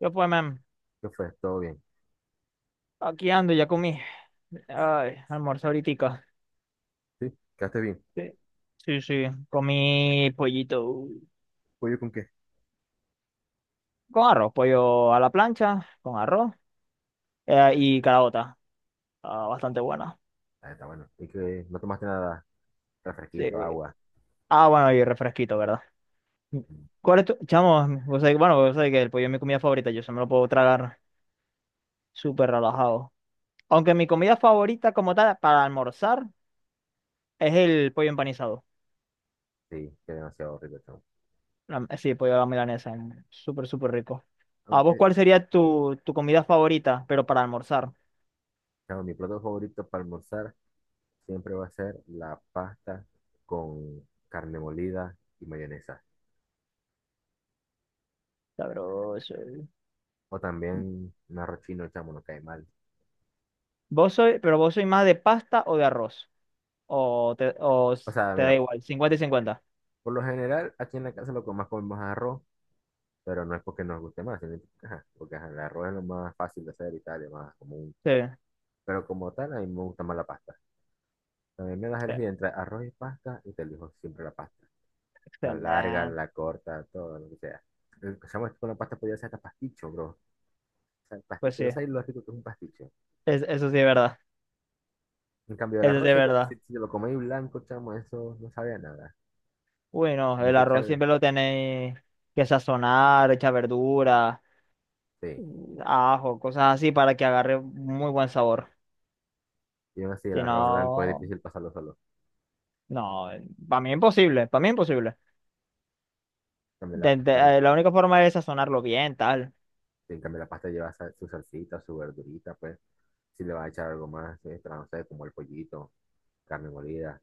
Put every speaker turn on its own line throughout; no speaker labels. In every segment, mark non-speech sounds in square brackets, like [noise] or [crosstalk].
Yo pues, man,
¿Qué fue? ¿Todo bien?
aquí ando, ya comí. Ay, almuerzo ahoritica.
¿Sí? ¿Quedaste bien?
Sí, sí, sí, comí pollito
¿Pollo con qué?
con arroz, pollo a la plancha, con arroz y calabota. Ah, bastante buena.
Ah, está bueno. ¿Y que no tomaste nada? ¿Refresquito,
Sí.
agua?
Ah, bueno, y refresquito, ¿verdad?
Mm,
¿Cuál es tu? Chamo, bueno, vos sabés que el pollo es mi comida favorita, yo se me lo puedo tragar súper relajado. Aunque mi comida favorita como tal para almorzar es el pollo empanizado.
sí, qué demasiado rico, chamo.
Sí, pollo a la milanesa. Súper, súper rico. ¿A vos
Aunque,
cuál sería tu comida favorita, pero para almorzar?
chamo, mi plato favorito para almorzar siempre va a ser la pasta con carne molida y mayonesa.
Sabroso.
O también un arroz chino, chamo, no cae mal.
¿Vos soy, pero vos sois más de pasta o de arroz? ¿O te,
O sea,
te da
mira,
igual? 50 y 50.
por lo general aquí en la casa lo que más comemos es arroz, pero no es porque nos guste más, sino que, ajá, porque ajá, el arroz es lo más fácil de hacer y tal, es más común.
Sí,
Pero como tal, a mí me gusta más la pasta. También me das a
sí,
elegir entre arroz y pasta y te elijo siempre la pasta. La larga,
excelente.
la corta, todo lo que sea. Empezamos con la pasta, podía ser hasta pasticho, bro. O sea, el
Pues
pasticho,
sí,
no sabes lo rico que es un pasticho.
eso sí es verdad.
En cambio, el
Eso sí
arroz,
es
si, te- si,
verdad.
si te lo coméis blanco, chamo, eso no sabe a nada.
Bueno,
Tienes
el
que
arroz
echarle,
siempre lo tenéis que sazonar, echar verdura,
sí.
ajo, cosas así para que agarre muy buen sabor.
Y aún así, el
Si
arroz blanco es
no,
difícil pasarlo solo.
no, para mí imposible, para mí imposible.
En cambio, la
de-
pasta, ahí-
de- eh, la única forma es sazonarlo bien, tal.
en cambio, la pasta lleva su salsita, su verdurita, pues. Si le vas a echar algo más, extra, no sé, como el pollito, carne molida.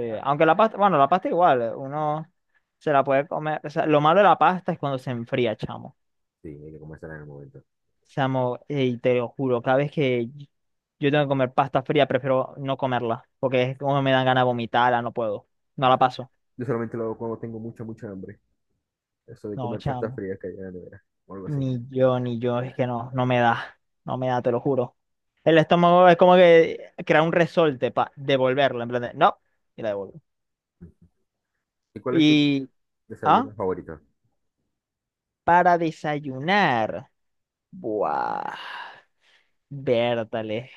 O sea,
aunque la pasta, bueno, la pasta igual, uno se la puede comer. O sea, lo malo de la pasta es cuando se enfría, chamo.
sí, hay que comérsela en el momento.
Chamo, y te lo juro, cada vez que yo tengo que comer pasta fría, prefiero no comerla, porque es como me dan ganas de vomitarla, no puedo. No
No.
la paso.
Yo solamente lo hago cuando tengo mucha, mucha hambre. Eso de
No,
comer pasta
chamo.
fría que hay en la nevera, o algo así.
Ni yo, ni yo, es que no, no me da. No me da, te lo juro. El estómago es como que crea un resorte para devolverla, en plan de, no, y la devuelvo.
¿Y cuál es tu
Y,
desayuno
¿ah?
favorito?
Para desayunar. Buah. Vértale.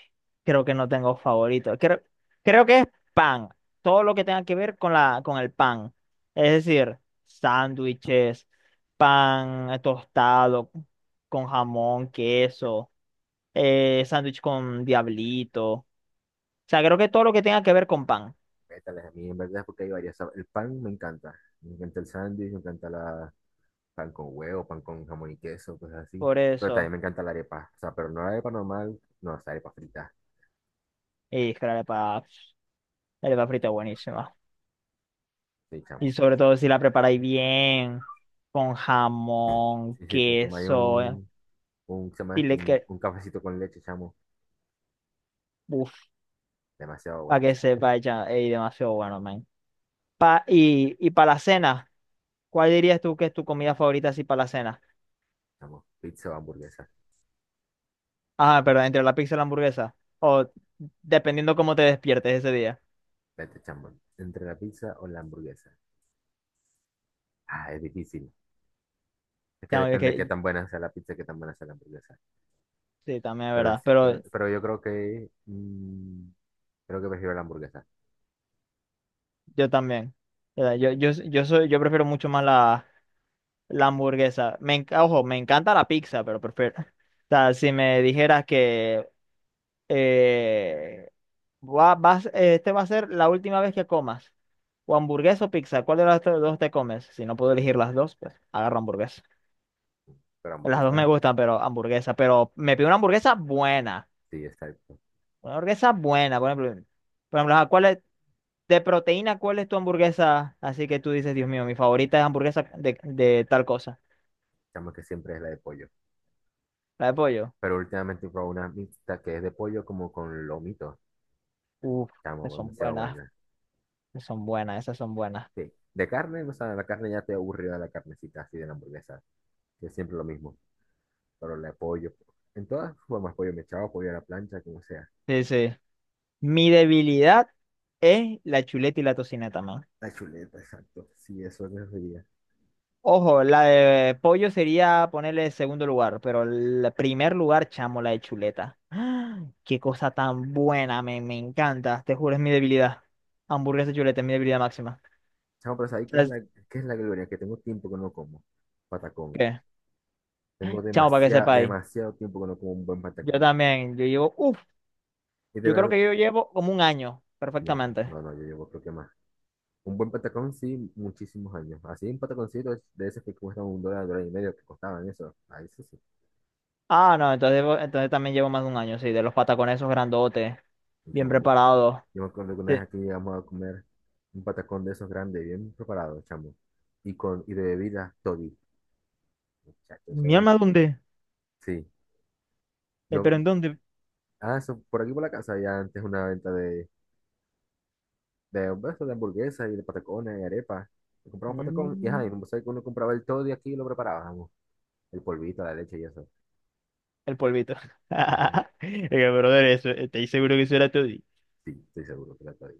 Creo que no tengo favorito. Creo que es pan. Todo lo que tenga que ver con el pan. Es decir, sándwiches, pan tostado con jamón, queso, sándwich con diablito. O sea, creo que todo lo que tenga que ver con pan.
Vétales, a mí en verdad es porque hay varias. El pan me encanta. Me encanta el sándwich, me encanta la pan con huevo, pan con jamón y queso, cosas así.
Por
Pero también
eso.
me encanta la arepa. O sea, pero no la arepa normal, no, es arepa frita.
Y es que la arepa frita es buenísima.
Sí,
Y
chamo.
sobre todo si la preparáis bien, con jamón,
Y si te tomas
queso,
un, ¿qué se llama esto?
dile
Un,
que,
un cafecito con leche, chamo,
uff,
demasiado
para
bueno.
que sepa, ella, ey, demasiado bueno, man. Y para la cena, ¿cuál dirías tú que es tu comida favorita así para la cena?
Chamo, pizza o hamburguesa.
Ah, pero entre la pizza y la hamburguesa, o dependiendo cómo te despiertes ese día.
Vete, chamo. Entre la pizza o la hamburguesa. Ah, es difícil. Es que
Ya,
depende de qué tan buena sea la pizza y qué tan buena sea la hamburguesa.
sí, también es
Pero,
verdad,
sí-
pero
pero, pero yo creo que creo que prefiero la hamburguesa.
yo también. Yo prefiero mucho más la hamburguesa. Ojo, me encanta la pizza, pero prefiero. [laughs] O sea, si me dijeras que eh, vas, este va a ser la última vez que comas, o hamburguesa o pizza, ¿cuál de las dos te comes? Si no puedo elegir las dos, pues agarro hamburguesa.
Pero
Las dos me
hamburguesa,
gustan, pero hamburguesa. Pero me pido una hamburguesa buena.
sí, exacto.
Una hamburguesa buena, por ejemplo. Por ejemplo, ajá, de proteína, ¿cuál es tu hamburguesa? Así que tú dices, Dios mío, mi favorita es hamburguesa de tal cosa.
Chamo que siempre es la de pollo.
La de pollo.
Pero últimamente probé una mixta que es de pollo como con lomito.
Uf,
Chamo,
esas son
demasiado
buenas.
buena.
Son buenas, esas son buenas.
Sí. De carne, o sea, la carne ya te aburrió de la carnecita así de la hamburguesa. Que es siempre lo mismo. Pero la de pollo. En todas formas, pollo mechado, pollo a la plancha, como sea.
Sí, sí, mi debilidad es la chuleta y la tocineta, man.
La chuleta, exacto. Sí, eso es lo que sería.
Ojo, la de pollo sería ponerle segundo lugar, pero el primer lugar, chamo, la de chuleta. ¡Ah! Qué cosa tan buena, me encanta. Te juro, es mi debilidad. Hamburguesa y chuleta es mi debilidad máxima.
Chamo, pero ¿sabes qué es
¿Sabes
la, qué es la gloria? Que tengo tiempo que no como. Patacón.
qué?
Tengo
Chamo, para que
demasiado,
sepa ahí.
demasiado tiempo que no como un buen
Yo
patacón.
también, yo llevo, uff,
Y de
yo creo
verdad,
que yo llevo como un año,
bueno,
perfectamente.
no, no, yo llevo creo que más. Un buen patacón, sí, muchísimos años. Así un pataconcito de esos que cuestan $1, $1.50, que costaban eso. Ahí eso sí.
Ah, no, entonces, también llevo más de un año, sí, de los patacones esos grandotes,
Un
bien
chamo, Yo
preparados.
yo me acuerdo que una vez
Sí.
aquí llegamos a comer un patacón de esos grandes, bien preparado, chamo. Y con, y de bebida, toddy. Muchachos, eso
¿Mi
es.
alma dónde?
Sí.
¿Pero
No,
en dónde?
ah, eso, por aquí por la casa había antes una venta de, pues, de hamburguesas y de patacones y arepas. Y compramos patacón y ajá,
Mm,
y no sé que uno compraba el toddy aquí y lo preparábamos. El polvito, la leche y eso.
el polvito.
Ujú.
[laughs] Es que, brother, eso, estoy seguro que eso era todo.
Sí, estoy seguro que era toddy.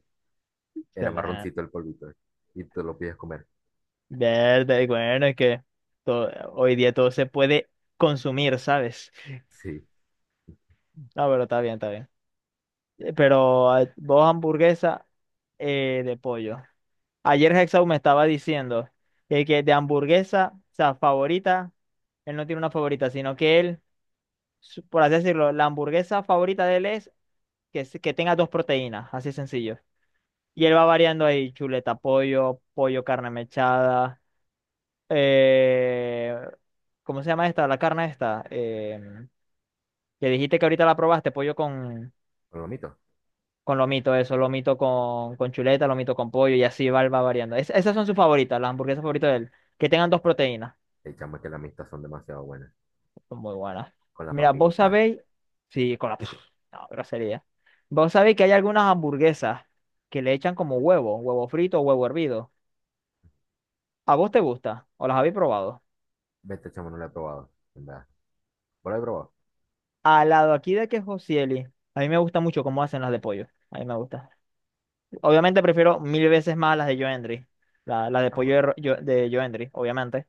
Se
Era
la.
marroncito el polvito. Y te lo pides comer.
Verdad, y bueno, es que hoy día todo se puede consumir, ¿sabes?
Sí,
No, pero está bien, está bien. Pero vos hamburguesa de pollo.
sí.
Ayer Hexau me estaba diciendo de que de hamburguesa, o sea, favorita, él no tiene una favorita, sino que él, por así decirlo, la hamburguesa favorita de él es que, que tenga dos proteínas, así sencillo. Y él va variando ahí, chuleta, pollo, carne mechada, eh, ¿cómo se llama esta? La carne esta, que dijiste que ahorita la probaste, pollo con,
Con lo mito.
con lomito, eso, lomito con chuleta, lomito con pollo, y así va variando. Esas son sus favoritas, las hamburguesas favoritas de él, que tengan dos proteínas.
El chamo es que las mistas son demasiado buenas.
Son muy buenas.
Con las
Mira, vos
papitas.
sabéis, sí, con la. [laughs] No, grosería. Vos sabéis que hay algunas hamburguesas que le echan como huevo, frito o huevo hervido. ¿A vos te gusta? ¿O las habéis probado?
Vete, chamo, no lo he probado. En verdad. ¿Vos lo he probado?
Al lado aquí de que Josieli, a mí me gusta mucho cómo hacen las de pollo. A mí me gusta. Obviamente prefiero mil veces más las de Joendry. Las de
Chamo.
pollo de Joendry, obviamente.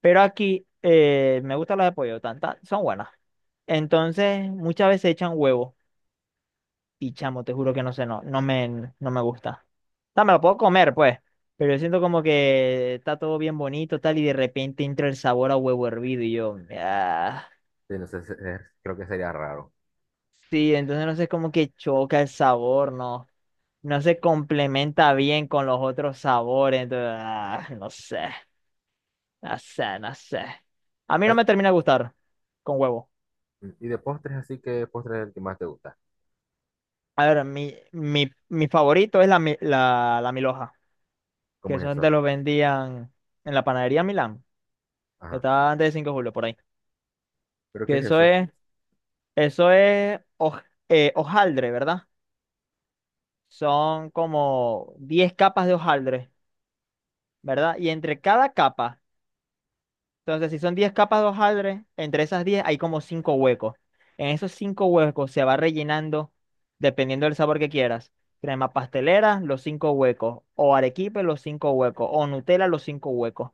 Pero aquí me gustan las de pollo, son buenas. Entonces, muchas veces echan huevo. Y chamo, te juro que no sé, no, no me gusta. O sea, me lo puedo comer, pues. Pero yo siento como que está todo bien bonito, tal, y de repente entra el sabor a huevo hervido y yo, ah.
Sí, no sé, se- es- creo que sería raro.
Sí, entonces no sé como que choca el sabor, no, no se complementa bien con los otros sabores, entonces, ah, no sé, no sé, no sé. A mí no
Ah,
me termina de gustar con huevo.
y de postres, así que postres es el que más te gusta.
A ver, mi favorito es la milhoja, que
¿Cómo es
eso antes
eso?
lo vendían en la panadería Milán.
Ajá.
Está antes de Cinco de Julio, por ahí.
¿Pero qué
Que
es eso?
eso es hojaldre, ¿verdad? Son como 10 capas de hojaldre, ¿verdad? Y entre cada capa, entonces si son 10 capas de hojaldre, entre esas 10 hay como 5 huecos. En esos 5 huecos se va rellenando, dependiendo del sabor que quieras, crema pastelera, los 5 huecos, o arequipe, los 5 huecos, o Nutella, los 5 huecos.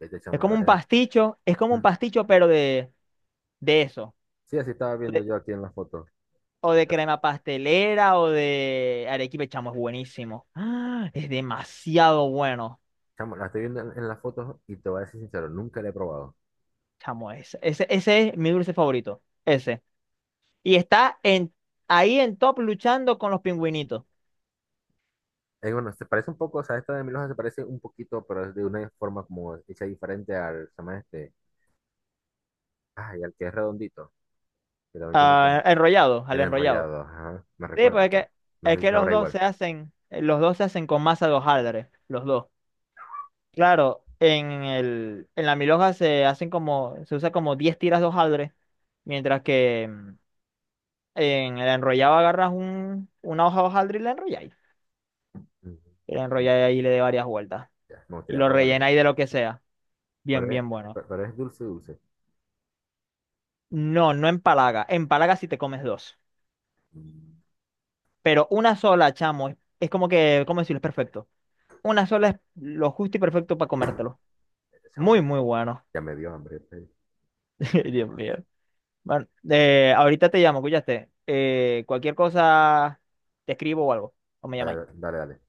Vete,
Es
chamo, la
como un
verdad.
pasticho, es como un pasticho, pero de eso.
Sí, así estaba viendo yo aquí en las fotos.
O de
Porque,
crema pastelera o de arequipe, chamo, es buenísimo. ¡Ah! Es demasiado bueno,
chamo, la estoy viendo en las fotos y te voy a decir sincero, nunca la he probado.
chamo. Ese es mi dulce favorito. Ese. Y está ahí en top luchando con los pingüinitos.
Es bueno, se parece un poco, o sea, esta de Milhoja se parece un poquito, pero es de una forma como hecha diferente al, se llama este, ay, al que es redondito, que también tiene
Ah,
como
enrollados,
el
al enrollado.
enrollado, ajá, me
Sí, pues
recuerda,
es
pues.
que,
No sé si
los
sabrá
dos
igual.
se hacen, los dos se hacen con masa de hojaldre, los dos. Claro, en la milhoja se usa como 10 tiras de hojaldre, mientras que en el enrollado agarras una hoja de hojaldre y la enrolláis. Y la
Ujú.
enrolláis ahí y le de varias vueltas.
Ya, me
Y
gustaría
lo
probarlo.
rellenáis de lo que sea. Bien,
Pero es,
bien bueno.
pero es dulce, dulce.
No, no empalaga. Empalaga si te comes dos.
Mm,
Pero una sola, chamo, es como que, ¿cómo decirlo? Es perfecto. Una sola es lo justo y perfecto para comértelo.
chamo,
Muy,
ya,
muy bueno.
ya me dio hambre, pues.
[laughs] Dios mío. Bueno, ahorita te llamo, escuchaste. Cualquier cosa, te escribo o algo. O me
Dale,
llamáis.
dale, dale.